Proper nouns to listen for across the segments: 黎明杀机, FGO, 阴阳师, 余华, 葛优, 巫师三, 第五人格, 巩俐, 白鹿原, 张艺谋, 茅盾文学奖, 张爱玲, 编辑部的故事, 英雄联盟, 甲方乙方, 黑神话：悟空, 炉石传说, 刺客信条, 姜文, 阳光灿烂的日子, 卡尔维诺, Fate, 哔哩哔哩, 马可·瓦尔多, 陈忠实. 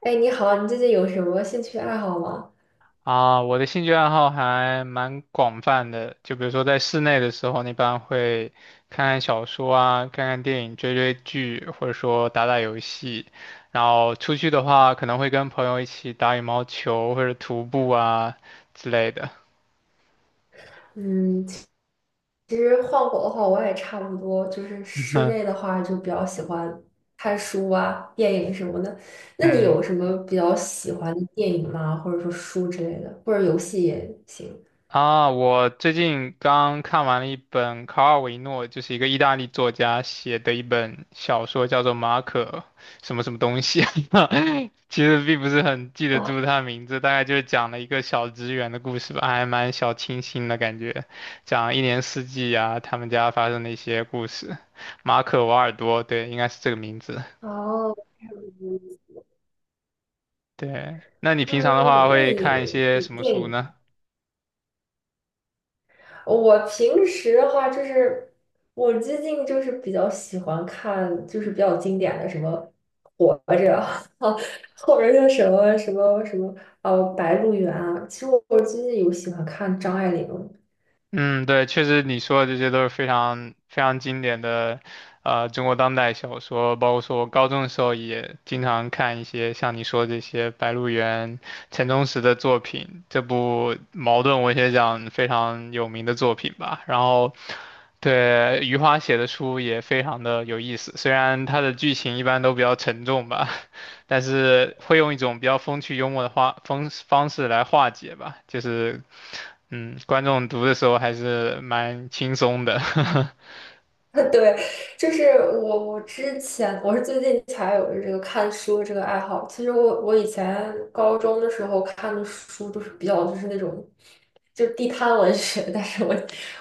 哎，你好，你最近有什么兴趣爱好吗？啊，我的兴趣爱好还蛮广泛的，就比如说在室内的时候，一般会看看小说啊，看看电影，追追剧，或者说打打游戏。然后出去的话，可能会跟朋友一起打羽毛球或者徒步啊之类的。嗯。其实换我的话，我也差不多，就是室内的 话就比较喜欢看书啊、电影什么的。那你嗯。有什么比较喜欢的电影吗？或者说书之类的，或者游戏也行。啊，我最近刚看完了一本卡尔维诺，就是一个意大利作家写的一本小说，叫做《马可什么什么东西啊》其实并不是很记得哦。住他的名字，大概就是讲了一个小职员的故事吧，还蛮小清新的感觉，讲一年四季啊，他们家发生的一些故事。马可·瓦尔多，对，应该是这个名字。哦。嗯。对，那你平常的嗯话那会你看一那些你什么电书影呢？我平时的话，就是我最近就是比较喜欢看，就是比较经典的什么《活着》啊，或者是什么《白鹿原》啊。其实我最近有喜欢看张爱玲。嗯，对，确实你说的这些都是非常非常经典的，中国当代小说，包括说我高中的时候也经常看一些像你说这些白鹿原、陈忠实的作品，这部茅盾文学奖非常有名的作品吧。然后，对，余华写的书也非常的有意思，虽然它的剧情一般都比较沉重吧。但是会用一种比较风趣幽默的话方方式来化解吧，就是，观众读的时候还是蛮轻松的。对，就是我之前我是最近才有这个看书的这个爱好。其实我以前高中的时候看的书都是比较就是那种就地摊文学，但是我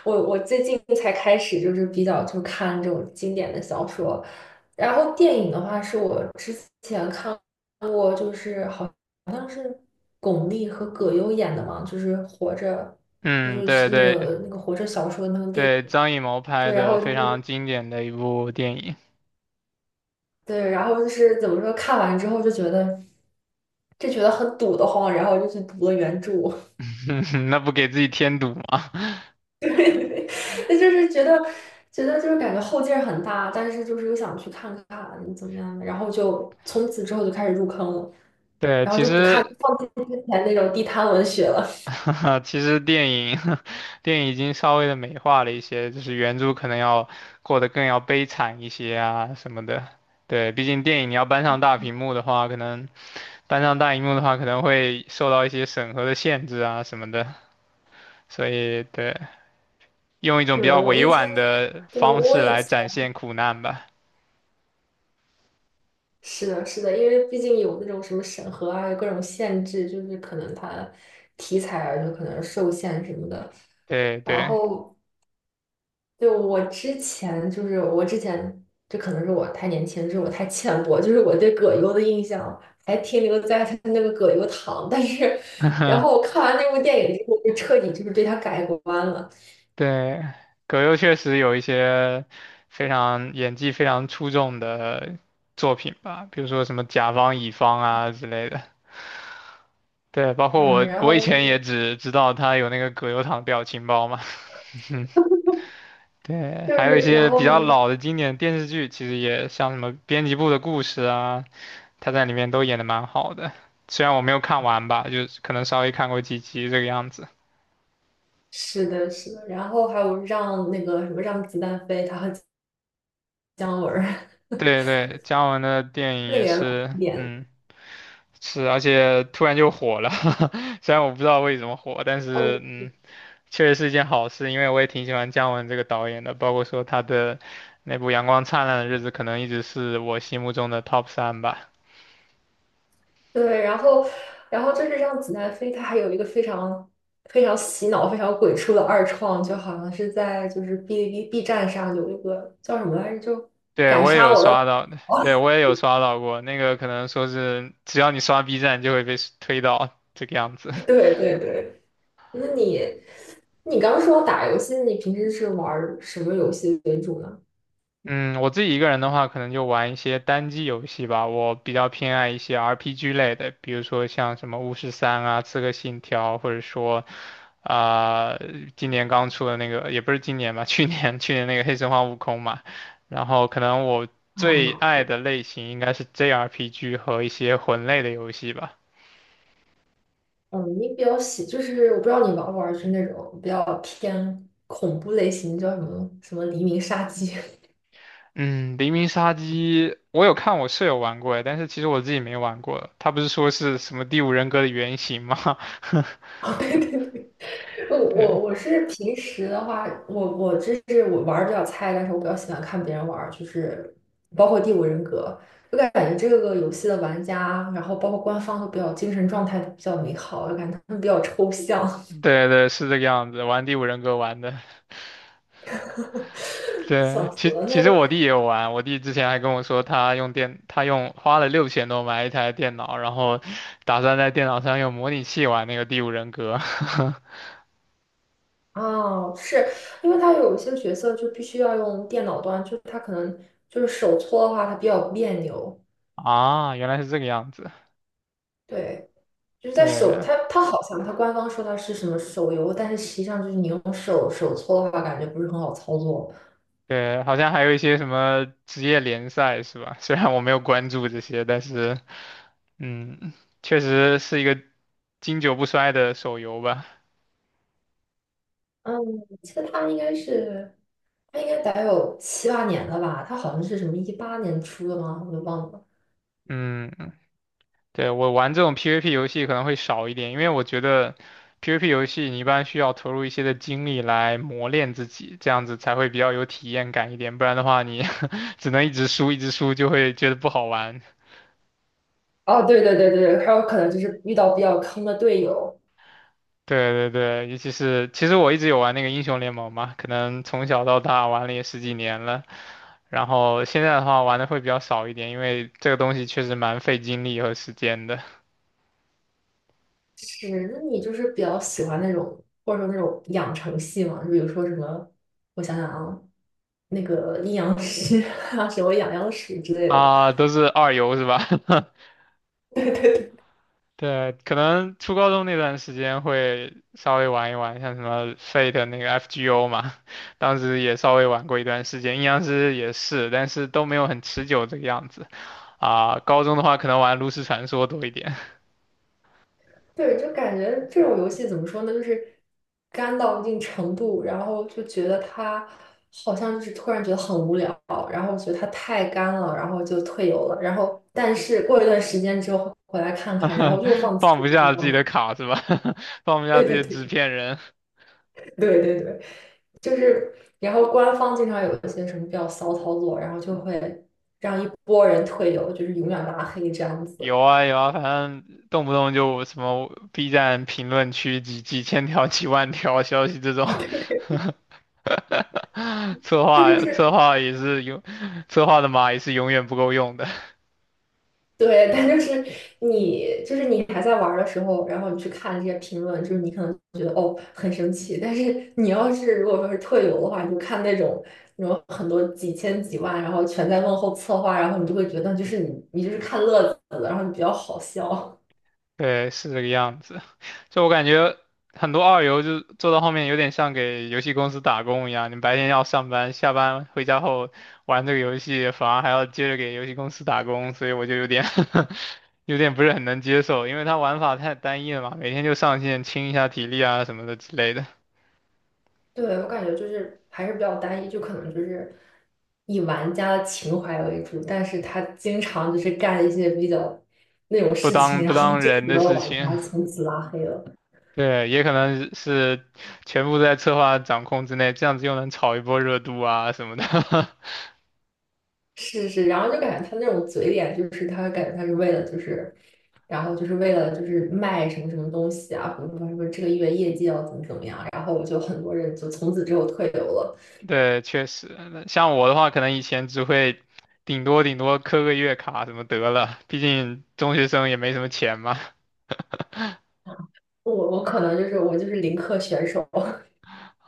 我我最近才开始就是比较就看这种经典的小说。然后电影的话，是我之前看过，就是好像是巩俐和葛优演的嘛，就是《活着》，就嗯，对是那对个那个《活着》小说那个电影。对，张艺谋拍对，然的后非就常是经典的一部电影，对，然后就是怎么说，看完之后就觉得很堵得慌，然后就去读了原著。那不给自己添堵吗？对，那就是觉得觉得就是感觉后劲儿很大，但是就是又想去看看怎么样的，然后就从此之后就开始入坑了，对，然后其就不看，实 放弃之前那种地摊文学了。其实电影 电影已经稍微的美化了一些，就是原著可能要过得更要悲惨一些啊什么的。对，毕竟电影你要搬上大屏幕的话，可能搬上大荧幕的话，可能会受到一些审核的限制啊什么的，所以对，用一 种比对，较我委以前，婉的对，方我式以来前展现苦难吧。是的，是的，因为毕竟有那种什么审核啊，有各种限制，就是可能它题材啊，就可能受限什么的。对然对，后对，我之前，这可能是我太年轻，是我太浅薄，就是我对葛优的印象还停留在他那个葛优躺，但是，然后 我看完那部电影之后，就彻底就是对他改观了。对，葛优确实有一些非常演技非常出众的作品吧，比如说什么甲方乙方啊之类的。对，包括嗯，我，然我以后那前也个只知道他有那个葛优躺表情包嘛。对，就还有一是然些比后什较么，老的经典电视剧，其实也像什么《编辑部的故事》啊，他在里面都演的蛮好的，虽然我没有看完吧，就是可能稍微看过几集这个样子。是的，是的，然后还有让那个什么让子弹飞，他和姜文儿 对对，姜文的电影那也个也老是，经典嗯，是，而且突然就火了，虽然我不知道为什么火，但哦。是确实是一件好事，因为我也挺喜欢姜文这个导演的，包括说他的那部《阳光灿烂的日子》，可能一直是我心目中的 top 三吧。对，然后就是让子弹飞，它还有一个非常非常洗脑、非常鬼畜的二创，就好像是在就是哔哩哔哩 B 站上有一个叫什么来着，就对，敢我也杀有我的。刷到，对，我也有刷到过，那个可能说是只要你刷 B 站就会被推到这个样子。对对对。那你刚说打游戏，你平时是玩儿什么游戏为主呢？嗯，我自己一个人的话，可能就玩一些单机游戏吧。我比较偏爱一些 RPG 类的，比如说像什么《巫师三》啊、《刺客信条》，或者说，啊、今年刚出的那个，也不是今年吧，去年那个《黑神话：悟空》嘛。然后可能我最啊。爱的类型应该是 JRPG 和一些魂类的游戏吧。嗯，你比较喜，就是我不知道你玩不玩，就是那种比较偏恐怖类型，叫什么什么《黎明杀机》嗯，《黎明杀机》我有看我舍友玩过，但是其实我自己没玩过。他不是说是什么《第五人格》的原型吗？啊？对对对。我对。我我是平时的话，我这是我玩儿比较菜，但是我比较喜欢看别人玩儿，就是包括《第五人格》，就感觉这个游戏的玩家，然后包括官方都比较精神状态都比较美好，我感觉他们比较抽象。对对，是这个样子，玩第五人格玩的。对，笑死其了。那其实我弟也有玩，我弟之前还跟我说，他用电，他用花了6000多买一台电脑，然后打算在电脑上用模拟器玩那个第五人格。哦，是因为他有一些角色就必须要用电脑端，就是他可能就是手搓的话，他比较别扭。啊，原来是这个样子。对。就是在手，对它好像它官方说它是什么手游，但是实际上就是你用手搓的话，感觉不是很好操作。对，好像还有一些什么职业联赛是吧？虽然我没有关注这些，但是嗯，确实是一个经久不衰的手游吧。嗯，我记得它应该得有七八年了吧？它好像是什么18年出的吗？我都忘了。嗯对，我玩这种 PVP 游戏可能会少一点，因为我觉得 PVP 游戏你一般需要投入一些的精力来磨练自己，这样子才会比较有体验感一点，不然的话你 只能一直输一直输，就会觉得不好玩。哦，对对对对还有可能就是遇到比较坑的队友。对对对，尤其是其实我一直有玩那个英雄联盟嘛，可能从小到大玩了也十几年了，然后现在的话玩的会比较少一点，因为这个东西确实蛮费精力和时间的是，那你就是比较喜欢那种或者说那种养成系嘛？就比如说什么，我想想啊，那个阴阳师啊，什么养阳师之类的。啊，都是二游是吧？对对。对，可能初高中那段时间会稍微玩一玩，像什么 Fate 那个 FGO 嘛，当时也稍微玩过一段时间，阴阳师也是，但是都没有很持久这个样子。啊，高中的话可能玩炉石传说多一点，对，就感觉这种游戏怎么说呢，就是干到一定程度，然后就觉得它好像就是突然觉得很无聊，然后觉得它太干了，然后就退游了。然后，但是过一段时间之后回来看看，然后又放 弃放不下自己的卡是吧？放不这下样自己子的对对纸对片人。对对对对，就是，然后官方经常有一些什么比较骚操作，然后就会让一波人退游，就是永远拉黑这样子。有啊有啊，反正动不动就什么 B 站评论区几千条、几万条消息这 种，啊，对，策那就划策是。划也是永，策划的码也是永远不够用的。对，但就是你还在玩儿的时候，然后你去看这些评论，就是你可能觉得哦很生气，但是你要是如果说是特有的话，你就看那种那种很多几千几万，然后全在问候策划，然后你就会觉得就是你就是看乐子的，然后你比较好笑。对，是这个样子。就我感觉很多二游就做到后面有点像给游戏公司打工一样，你白天要上班，下班回家后玩这个游戏，反而还要接着给游戏公司打工，所以我就有点 有点不是很能接受，因为它玩法太单一了嘛，每天就上线清一下体力啊什么的之类的，对，我感觉就是还是比较单一，就可能就是以玩家的情怀为主，但是他经常就是干一些比较那种不事当情，不然后当就人很的多事玩情。家从此拉黑了。对，也可能是全部在策划掌控之内，这样子又能炒一波热度啊什么的。是是，然后就感觉他那种嘴脸，就是他感觉他是为了就是，然后就是为了就是卖什么什么东西啊，或者说什么这个月业绩要怎么怎么样，然后我就很多人就从此之后退游了。对，确实，那像我的话，可能以前只会顶多顶多磕个月卡什么得了，毕竟中学生也没什么钱嘛。我可能就是我就是零氪选手，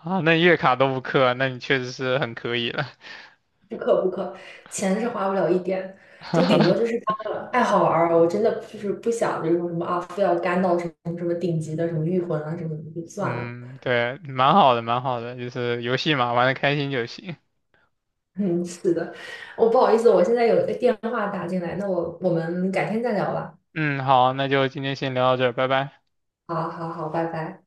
啊，那月卡都不氪，那你确实是很可以了。不氪不氪，钱是花不了一点，就顶多就是 当个爱好玩儿啊。我真的就是不想就是说什么啊，非要干到什么什么顶级的什么御魂啊什么的就算了。嗯，对，蛮好的，蛮好的，就是游戏嘛，玩的开心就行。嗯，是的，我不好意思，我现在有一个电话打进来，那我们改天再聊吧。嗯，好，那就今天先聊到这儿，拜拜。好好好，拜拜。